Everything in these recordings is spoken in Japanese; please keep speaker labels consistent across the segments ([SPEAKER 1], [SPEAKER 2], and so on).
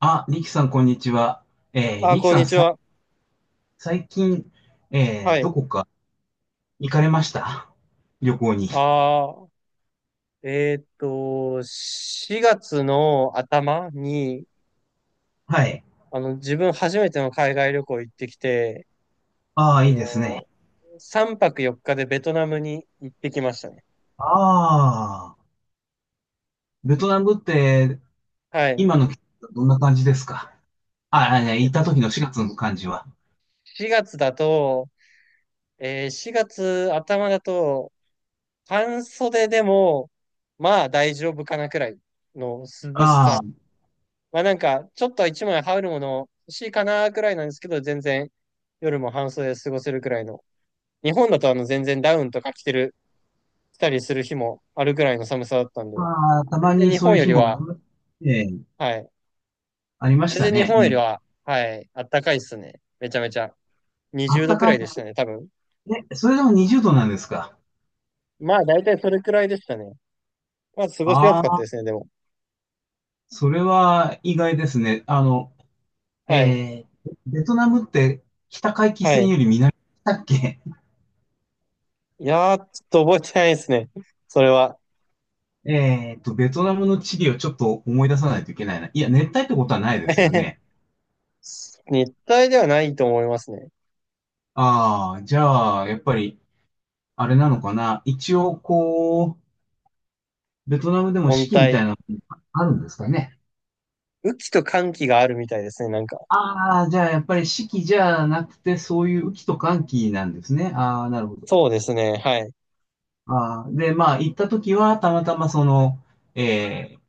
[SPEAKER 1] あ、リキさん、こんにちは。
[SPEAKER 2] あ、
[SPEAKER 1] リキ
[SPEAKER 2] こん
[SPEAKER 1] さん、
[SPEAKER 2] にちは。
[SPEAKER 1] 最近、
[SPEAKER 2] はい。
[SPEAKER 1] どこか行かれました旅行に？
[SPEAKER 2] ああ、えーっと、4月の頭に、
[SPEAKER 1] はい。
[SPEAKER 2] あの、自分初めての海外旅行行ってきて、
[SPEAKER 1] あ
[SPEAKER 2] あ
[SPEAKER 1] あ、いいです
[SPEAKER 2] の、
[SPEAKER 1] ね。
[SPEAKER 2] 3泊4日でベトナムに行ってきましたね。
[SPEAKER 1] ああ、ベトナムって、
[SPEAKER 2] はい。
[SPEAKER 1] 今の季節どんな感じですか？ああ、ね、
[SPEAKER 2] えっ
[SPEAKER 1] 行った
[SPEAKER 2] と、
[SPEAKER 1] 時の4月の感じは。
[SPEAKER 2] 4月だと、4月頭だと、半袖でも、まあ大丈夫かなくらいの涼し
[SPEAKER 1] あ
[SPEAKER 2] さ、まあちょっと一枚羽織るもの欲しいかなくらいなんですけど、全然夜も半袖で過ごせるくらいの。日本だとあの全然ダウンとか着たりする日もあるくらいの寒さだったんで、
[SPEAKER 1] あ、まあ、た
[SPEAKER 2] 全
[SPEAKER 1] ま
[SPEAKER 2] 然
[SPEAKER 1] に
[SPEAKER 2] 日
[SPEAKER 1] そう
[SPEAKER 2] 本
[SPEAKER 1] いう
[SPEAKER 2] よ
[SPEAKER 1] 日
[SPEAKER 2] り
[SPEAKER 1] もあり
[SPEAKER 2] は、
[SPEAKER 1] ま、えー
[SPEAKER 2] はい。
[SPEAKER 1] ありまし
[SPEAKER 2] 全
[SPEAKER 1] た
[SPEAKER 2] 然日
[SPEAKER 1] ね。
[SPEAKER 2] 本よ
[SPEAKER 1] う
[SPEAKER 2] り
[SPEAKER 1] ん。
[SPEAKER 2] は、はい、あったかいっすね。めちゃめちゃ。
[SPEAKER 1] あ
[SPEAKER 2] 20
[SPEAKER 1] った
[SPEAKER 2] 度く
[SPEAKER 1] か
[SPEAKER 2] らい
[SPEAKER 1] い。
[SPEAKER 2] でしたね、多分。
[SPEAKER 1] え、それでも20度なんですか？
[SPEAKER 2] まあ大体それくらいでしたね。まあ過ごしやすかっ
[SPEAKER 1] あ
[SPEAKER 2] た
[SPEAKER 1] あ、
[SPEAKER 2] ですね、でも。
[SPEAKER 1] それは意外ですね。あの、
[SPEAKER 2] はい。
[SPEAKER 1] えー、ベトナムって北回帰
[SPEAKER 2] は
[SPEAKER 1] 線
[SPEAKER 2] い。
[SPEAKER 1] より、だっけ？
[SPEAKER 2] いやー、ちょっと覚えてないですね、それは。
[SPEAKER 1] ベトナムの地理をちょっと思い出さないといけないな。いや、熱帯ってことはないですよね。
[SPEAKER 2] 熱帯ではないと思いますね。
[SPEAKER 1] ああ、じゃあ、やっぱり、あれなのかな。一応、ベトナムでも四
[SPEAKER 2] 温
[SPEAKER 1] 季みた
[SPEAKER 2] 帯。
[SPEAKER 1] いなのあるんですかね。
[SPEAKER 2] 雨季と寒季があるみたいですね、なんか。
[SPEAKER 1] ああ、じゃあ、やっぱり四季じゃなくて、そういう雨季と乾季なんですね。ああ、なるほど。
[SPEAKER 2] そうですね、はい。
[SPEAKER 1] ああ、で、まあ、行った時は、たまたまその、えー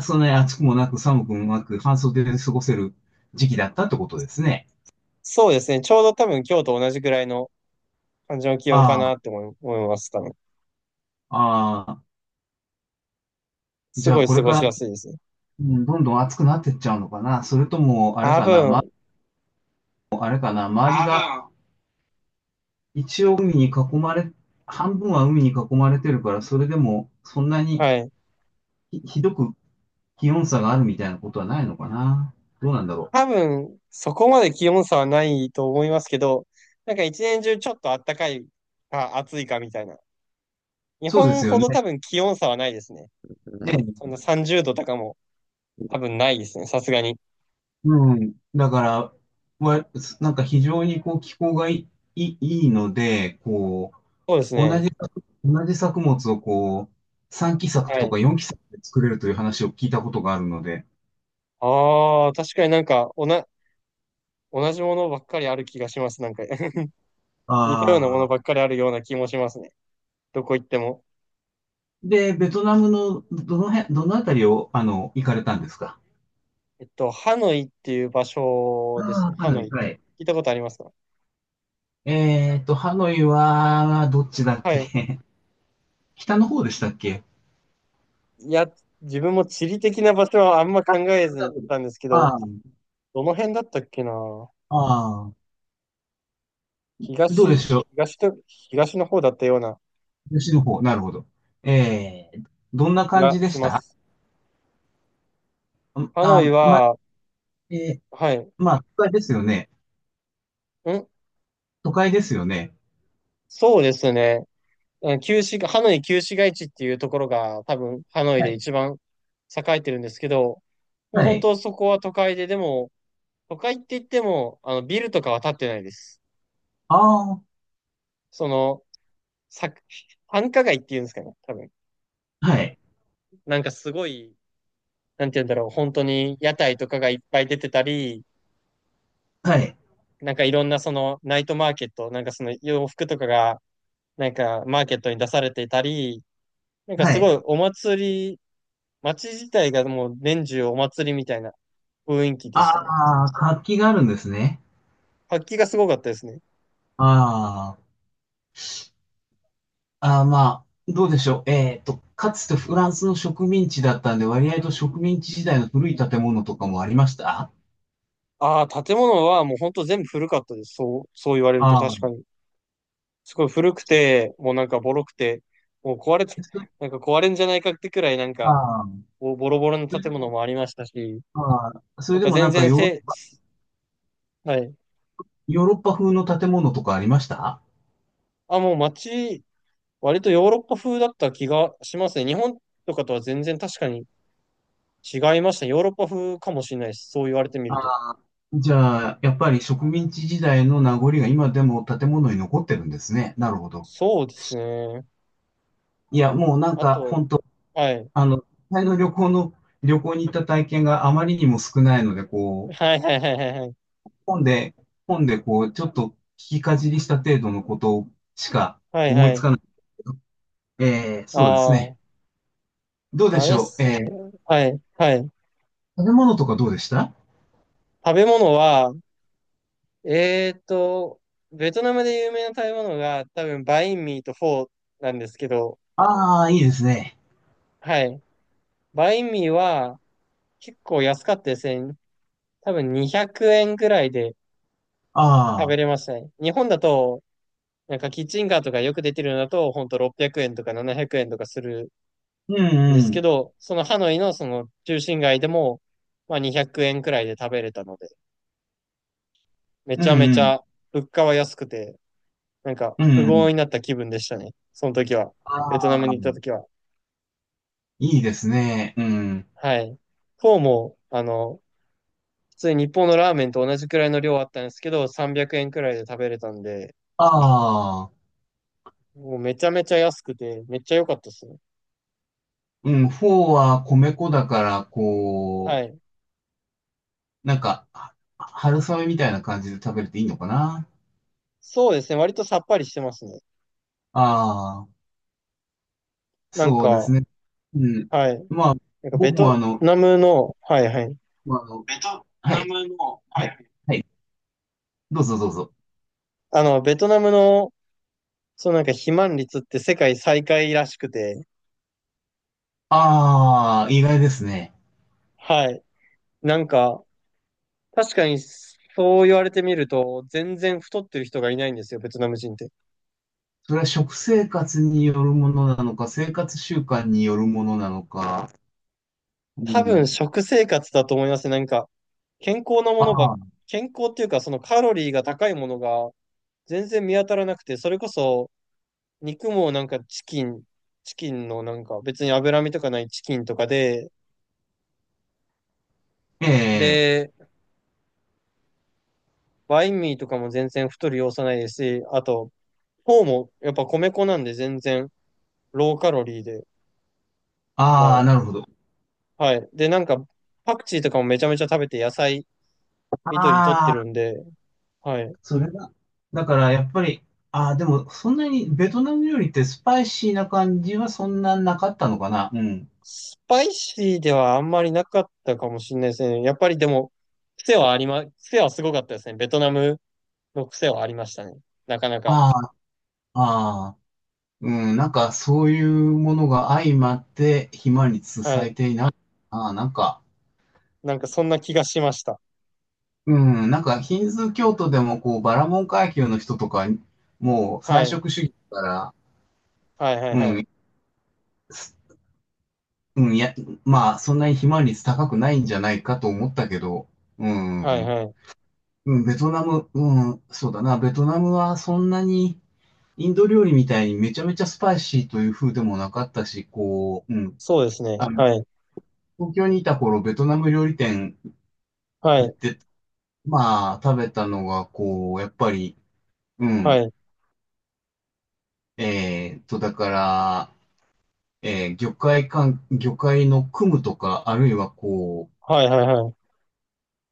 [SPEAKER 1] そんなに暑くもなく寒くもなく半袖で過ごせる時期だったってことですね。
[SPEAKER 2] そうですね、ちょうど多分今日と同じくらいの感じの気温かな
[SPEAKER 1] あ
[SPEAKER 2] って思います、多分。
[SPEAKER 1] あ、ああ、
[SPEAKER 2] す
[SPEAKER 1] じゃ
[SPEAKER 2] ご
[SPEAKER 1] あ
[SPEAKER 2] い
[SPEAKER 1] こ
[SPEAKER 2] 過
[SPEAKER 1] れ
[SPEAKER 2] ご
[SPEAKER 1] か
[SPEAKER 2] し
[SPEAKER 1] ら、
[SPEAKER 2] やすいですね。
[SPEAKER 1] うん、どんどん暑くなってっちゃうのかな。それとも、あれ
[SPEAKER 2] 多
[SPEAKER 1] かな、ま、
[SPEAKER 2] 分、
[SPEAKER 1] あれかな、周りがああ、一応海に囲まれ、半分は海に囲まれてるから、それでもそんなに
[SPEAKER 2] はい。
[SPEAKER 1] ひどく気温差があるみたいなことはないのかな。どうなんだろう。
[SPEAKER 2] 多分、そこまで気温差はないと思いますけど、なんか一年中ちょっと暖かいか暑いかみたいな。日
[SPEAKER 1] そうで
[SPEAKER 2] 本
[SPEAKER 1] すよ
[SPEAKER 2] ほ
[SPEAKER 1] ね。
[SPEAKER 2] ど多分気温差はないですね。そん
[SPEAKER 1] ええ、
[SPEAKER 2] な30度とかも多分ないですね、さすがに。
[SPEAKER 1] うん。だから、わなんか非常にこう気候がいいので、こ
[SPEAKER 2] そうです
[SPEAKER 1] う、同
[SPEAKER 2] ね。
[SPEAKER 1] じ、同じ作物をこう、3期作
[SPEAKER 2] は
[SPEAKER 1] と
[SPEAKER 2] い。
[SPEAKER 1] か4期作で作れるという話を聞いたことがあるので。
[SPEAKER 2] ああ、確かに、同じものばっかりある気がします、なんか。似たようなもの
[SPEAKER 1] ああ、
[SPEAKER 2] ばっかりあるような気もしますね。どこ行っても。
[SPEAKER 1] で、ベトナムのどのあたりを、あの、行かれたんですか？
[SPEAKER 2] えっと、ハノイっていう場所
[SPEAKER 1] あ、
[SPEAKER 2] で
[SPEAKER 1] あ
[SPEAKER 2] す
[SPEAKER 1] あ、
[SPEAKER 2] ね。
[SPEAKER 1] ハ
[SPEAKER 2] ハ
[SPEAKER 1] ノ
[SPEAKER 2] ノ
[SPEAKER 1] イ、
[SPEAKER 2] イ。聞
[SPEAKER 1] はい。
[SPEAKER 2] いたことありますか？
[SPEAKER 1] えーと、ハノイは、どっちだっ
[SPEAKER 2] はい。
[SPEAKER 1] け？ 北の方でしたっけ？
[SPEAKER 2] いや、自分も地理的な場所はあんま考えずに
[SPEAKER 1] ダ
[SPEAKER 2] 行っ
[SPEAKER 1] ブル
[SPEAKER 2] たんですけど、
[SPEAKER 1] ああ、
[SPEAKER 2] どの辺だったっけな、
[SPEAKER 1] ああ、どうでしょ
[SPEAKER 2] 東の方だったような
[SPEAKER 1] う。吉の方、なるほど。えー、どんな
[SPEAKER 2] 気
[SPEAKER 1] 感
[SPEAKER 2] が
[SPEAKER 1] じで
[SPEAKER 2] し
[SPEAKER 1] し
[SPEAKER 2] ま
[SPEAKER 1] た？
[SPEAKER 2] す。ハノイ
[SPEAKER 1] あ、ま、
[SPEAKER 2] は、
[SPEAKER 1] えー
[SPEAKER 2] はい。
[SPEAKER 1] まあ、都会ですよね。
[SPEAKER 2] ん、
[SPEAKER 1] 都会ですよね。
[SPEAKER 2] そうですね。うんハノイ旧市街地っていうところが多分ハノイ
[SPEAKER 1] は
[SPEAKER 2] で
[SPEAKER 1] い。
[SPEAKER 2] 一番栄えてるんですけど、もう
[SPEAKER 1] は
[SPEAKER 2] 本
[SPEAKER 1] い。
[SPEAKER 2] 当そこは都会で、でも、都会って言っても、あの、ビルとかは建ってないです。
[SPEAKER 1] ああ、
[SPEAKER 2] その、さ、繁華街っていうんですかね、多分。
[SPEAKER 1] はい、
[SPEAKER 2] なんかすごい、なんて言うんだろう、本当に屋台とかがいっぱい出てたり、
[SPEAKER 1] はい、
[SPEAKER 2] なんかいろんなそのナイトマーケット、なんかその洋服とかが、なんかマーケットに出されていたり、なんか
[SPEAKER 1] は
[SPEAKER 2] すご
[SPEAKER 1] い。
[SPEAKER 2] いお祭り、街自体がもう年中お祭りみたいな雰囲気でしたね。
[SPEAKER 1] ああ、活気があるんですね。
[SPEAKER 2] 活気がすごかったですね。
[SPEAKER 1] ああ、ああ、まあ、どうでしょう。えっと、かつてフランスの植民地だったんで、割合と植民地時代の古い建物とかもありました？
[SPEAKER 2] ああ、建物はもう本当全部古かったです。そう、そう言われると
[SPEAKER 1] あ
[SPEAKER 2] 確
[SPEAKER 1] あ、
[SPEAKER 2] かに。すごい古くて、もうなんかボロくて、もう壊れて、
[SPEAKER 1] そ、
[SPEAKER 2] なんか壊れんじゃないかってくらいなんか、
[SPEAKER 1] ああ、
[SPEAKER 2] ボボロボロの
[SPEAKER 1] それで
[SPEAKER 2] 建物
[SPEAKER 1] も、
[SPEAKER 2] もありましたし、
[SPEAKER 1] ああ、そ
[SPEAKER 2] な
[SPEAKER 1] れ
[SPEAKER 2] ん
[SPEAKER 1] で
[SPEAKER 2] か
[SPEAKER 1] もな
[SPEAKER 2] 全
[SPEAKER 1] んか
[SPEAKER 2] 然
[SPEAKER 1] ヨー、
[SPEAKER 2] せ、はい。
[SPEAKER 1] ヨーロッパ風の建物とかありました？
[SPEAKER 2] あ、もう街、割とヨーロッパ風だった気がしますね。日本とかとは全然確かに違いましたね。ヨーロッパ風かもしれないです、そう言われてみ
[SPEAKER 1] あ
[SPEAKER 2] ると。
[SPEAKER 1] あ、じゃあ、やっぱり植民地時代の名残が今でも建物に残ってるんですね。なるほど。
[SPEAKER 2] そうですね。
[SPEAKER 1] いや、もうなん
[SPEAKER 2] あ
[SPEAKER 1] か、
[SPEAKER 2] と、
[SPEAKER 1] 本当
[SPEAKER 2] はい。
[SPEAKER 1] あの、実際の旅行の、旅行に行った体験があまりにも少ないので、こう、
[SPEAKER 2] はいはいはいはいはい。
[SPEAKER 1] 本で、本でこう、ちょっと聞きかじりした程度のことしか
[SPEAKER 2] はい
[SPEAKER 1] 思
[SPEAKER 2] は
[SPEAKER 1] いつ
[SPEAKER 2] い。
[SPEAKER 1] かない。そうです
[SPEAKER 2] ああ、
[SPEAKER 1] ね。どうでし
[SPEAKER 2] 誰っ
[SPEAKER 1] ょう。
[SPEAKER 2] すね。はいはい。
[SPEAKER 1] 食べ物とかどうでした？
[SPEAKER 2] 食べ物は、えーっと、ベトナムで有名な食べ物が多分バインミーとフォーなんですけど、
[SPEAKER 1] ああー、いいですね。
[SPEAKER 2] はい。バインミーは結構安かったですね。多分200円くえんくらいで食
[SPEAKER 1] あ
[SPEAKER 2] べ
[SPEAKER 1] あ、
[SPEAKER 2] れましたね。日本だと、なんかキッチンカーとかよく出てるのだと、ほんと600円とか700円とかする
[SPEAKER 1] う
[SPEAKER 2] んで
[SPEAKER 1] んう
[SPEAKER 2] すけ
[SPEAKER 1] ん、
[SPEAKER 2] ど、そのハノイのその中心街でも、まあ200円くえんくらいで食べれたので、め
[SPEAKER 1] う
[SPEAKER 2] ち
[SPEAKER 1] ん
[SPEAKER 2] ゃめち
[SPEAKER 1] うん、
[SPEAKER 2] ゃ物価は安くて、なんか
[SPEAKER 1] うん
[SPEAKER 2] 富
[SPEAKER 1] うん。
[SPEAKER 2] 豪になった気分でしたね。その時は。
[SPEAKER 1] あ
[SPEAKER 2] ベトナム
[SPEAKER 1] あ、
[SPEAKER 2] に行った時は。
[SPEAKER 1] いいですね。うん。
[SPEAKER 2] はい。フォーも、あの、普通に日本のラーメンと同じくらいの量あったんですけど、300円くえんくらいで食べれたんで、
[SPEAKER 1] ああ、
[SPEAKER 2] もうめちゃめちゃ安くて、めっちゃ良かったですね。
[SPEAKER 1] うん、フォーは米粉だから、こ
[SPEAKER 2] は
[SPEAKER 1] う、
[SPEAKER 2] い。
[SPEAKER 1] なんか、は春雨みたいな感じで食べれていいのかな？
[SPEAKER 2] そうですね。割とさっぱりしてますね。
[SPEAKER 1] ああ、
[SPEAKER 2] なん
[SPEAKER 1] そうで
[SPEAKER 2] か、
[SPEAKER 1] すね。うん。
[SPEAKER 2] はい。
[SPEAKER 1] まあ、
[SPEAKER 2] なんかベ
[SPEAKER 1] 僕もあ
[SPEAKER 2] ト
[SPEAKER 1] の、
[SPEAKER 2] ナムの、はいはい。
[SPEAKER 1] まあ、あの、ベトはナい、ムの、はいはい。はい、どうぞどうぞ。
[SPEAKER 2] あの、ベトナムの、そうなんか肥満率って世界最下位らしくて、
[SPEAKER 1] ああ、意外ですね。
[SPEAKER 2] はい。なんか、確かにそう言われてみると、全然太ってる人がいないんですよ、ベトナム人って。
[SPEAKER 1] それは食生活によるものなのか、生活習慣によるものなのか。う
[SPEAKER 2] 多分
[SPEAKER 1] ん、
[SPEAKER 2] 食生活だと思いますね。なんか、健康なも
[SPEAKER 1] あ
[SPEAKER 2] のばっ、
[SPEAKER 1] あ、
[SPEAKER 2] 健康っていうか、そのカロリーが高いものが全然見当たらなくて、それこそ肉もなんかチキンのなんか別に脂身とかないチキンとかで、
[SPEAKER 1] ええ、
[SPEAKER 2] で、バインミーとかも全然太る要素ないですし、あと、フォーもやっぱ米粉なんで全然ローカロリーで、ま
[SPEAKER 1] ああ、
[SPEAKER 2] あ、
[SPEAKER 1] なるほど。
[SPEAKER 2] はい。で、なんかパクチーとかもめちゃめちゃ食べて、野菜、緑取っ
[SPEAKER 1] あ
[SPEAKER 2] てるん
[SPEAKER 1] あ、
[SPEAKER 2] で、はい。
[SPEAKER 1] それが、だからやっぱり、ああ、でもそんなにベトナム料理ってスパイシーな感じはそんななかったのかな。うん。
[SPEAKER 2] スパイシーではあんまりなかったかもしれないですね。やっぱりでも、癖はありま、癖はすごかったですね。ベトナムの癖はありましたね。なかなか。
[SPEAKER 1] ああ、ああ、うん、なんかそういうものが相まって暇につ
[SPEAKER 2] は
[SPEAKER 1] され
[SPEAKER 2] い。
[SPEAKER 1] ていない。ああ、なんか、
[SPEAKER 2] なんかそんな気がしました。
[SPEAKER 1] うん、なんかヒンズー教徒でもこうバラモン階級の人とか、もう
[SPEAKER 2] は
[SPEAKER 1] 菜
[SPEAKER 2] い。
[SPEAKER 1] 食主義だから、
[SPEAKER 2] はいはい
[SPEAKER 1] う
[SPEAKER 2] はい。
[SPEAKER 1] ん、す、うん、いや、まあそんなに暇率高くないんじゃないかと思ったけど、う
[SPEAKER 2] はい
[SPEAKER 1] ん。
[SPEAKER 2] はい。
[SPEAKER 1] うん、ベトナム、うん、そうだな。ベトナムはそんなに、インド料理みたいにめちゃめちゃスパイシーという風でもなかったし、こう、うん。
[SPEAKER 2] そうですね。
[SPEAKER 1] あの、
[SPEAKER 2] はい。
[SPEAKER 1] 東京にいた頃、ベトナム料理店
[SPEAKER 2] は
[SPEAKER 1] 行っ
[SPEAKER 2] い。
[SPEAKER 1] て、まあ、食べたのが、こう、やっぱり、う
[SPEAKER 2] は
[SPEAKER 1] ん。
[SPEAKER 2] い。
[SPEAKER 1] だから、魚介のクムとか、あるいはこう、
[SPEAKER 2] はいはいはい。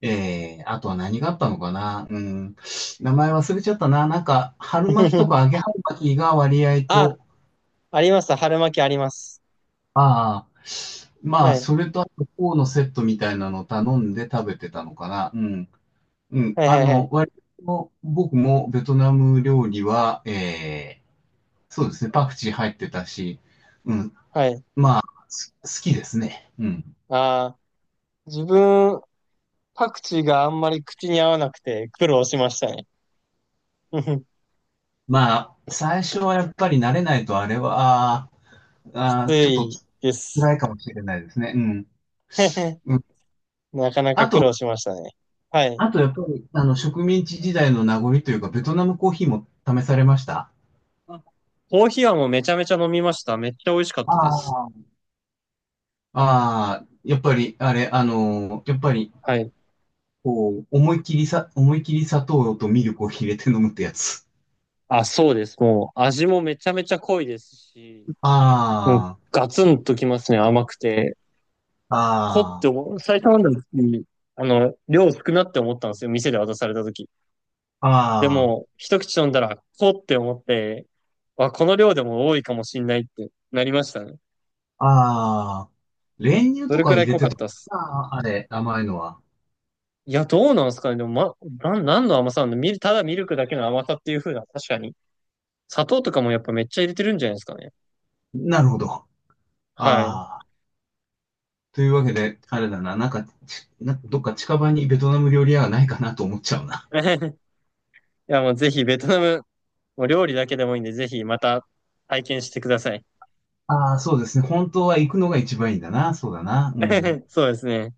[SPEAKER 1] あとは何があったのかな。うん。名前忘れちゃったな。なんか、春巻きとか 揚げ春巻きが割合
[SPEAKER 2] あ、
[SPEAKER 1] と、
[SPEAKER 2] あります。春巻きあります。
[SPEAKER 1] ああ、まあ、
[SPEAKER 2] はい。
[SPEAKER 1] それとあと、フォーのセットみたいなのを頼んで食べてたのかな。うん。うん。
[SPEAKER 2] はい
[SPEAKER 1] あ
[SPEAKER 2] はいは
[SPEAKER 1] の、
[SPEAKER 2] い。
[SPEAKER 1] 割と僕もベトナム料理は、そうですね、パクチー入ってたし、うん、
[SPEAKER 2] はい。
[SPEAKER 1] す、好きですね。うん。
[SPEAKER 2] あー、自分、パクチーがあんまり口に合わなくて苦労しましたね。
[SPEAKER 1] まあ、最初はやっぱり慣れないとあれは、
[SPEAKER 2] き
[SPEAKER 1] あ
[SPEAKER 2] つ
[SPEAKER 1] ーちょっと
[SPEAKER 2] いです。
[SPEAKER 1] 辛いかもしれないですね。うん。うん。
[SPEAKER 2] なかなか
[SPEAKER 1] あ
[SPEAKER 2] 苦労
[SPEAKER 1] と、
[SPEAKER 2] しましたね。はい。
[SPEAKER 1] あとやっぱり、あの、植民地時代の名残というか、ベトナムコーヒーも試されました？
[SPEAKER 2] あ、コーヒーはもうめちゃめちゃ飲みました。めっちゃ美味しかっ
[SPEAKER 1] あ
[SPEAKER 2] たです。
[SPEAKER 1] あ。ああ、やっぱり、あれ、あのーやっぱり、
[SPEAKER 2] はい。
[SPEAKER 1] こう、思いっきり砂糖とミルクを入れて飲むってやつ。
[SPEAKER 2] あ、そうです。もう味もめちゃめちゃ濃いですし、もう
[SPEAKER 1] あ
[SPEAKER 2] ガツンときますね、甘くて。濃って
[SPEAKER 1] あ、あ
[SPEAKER 2] 思う、最初飲んだ時、あの、量少なって思ったんですよ、店で渡された時。
[SPEAKER 1] あ、
[SPEAKER 2] でも、
[SPEAKER 1] あ
[SPEAKER 2] 一口飲んだら、濃って思って、あ、この量でも多いかもしんないってなりましたね。
[SPEAKER 1] あ、ああ、練乳
[SPEAKER 2] そ
[SPEAKER 1] と
[SPEAKER 2] れく
[SPEAKER 1] か
[SPEAKER 2] ら
[SPEAKER 1] 入
[SPEAKER 2] い
[SPEAKER 1] れ
[SPEAKER 2] 濃か
[SPEAKER 1] て
[SPEAKER 2] っ
[SPEAKER 1] と、
[SPEAKER 2] たっす。
[SPEAKER 1] ああ、あれ、甘いのは。
[SPEAKER 2] いや、どうなんですかね。でも、ま、何の甘さなんだ、ただミルクだけの甘さっていう風な、確かに。砂糖とかもやっぱめっちゃ入れてるんじゃないですかね。
[SPEAKER 1] なるほど。
[SPEAKER 2] はい。
[SPEAKER 1] ああ、というわけで、あれだな、なんか、ち、なんかどっか近場にベトナム料理屋はないかなと思っちゃうな。
[SPEAKER 2] いや、もうぜひベトナム、もう料理だけでもいいんで、ぜひまた体験してください。
[SPEAKER 1] ああ、そうですね。本当は行くのが一番いいんだな。そうだな。うん。
[SPEAKER 2] そうですね。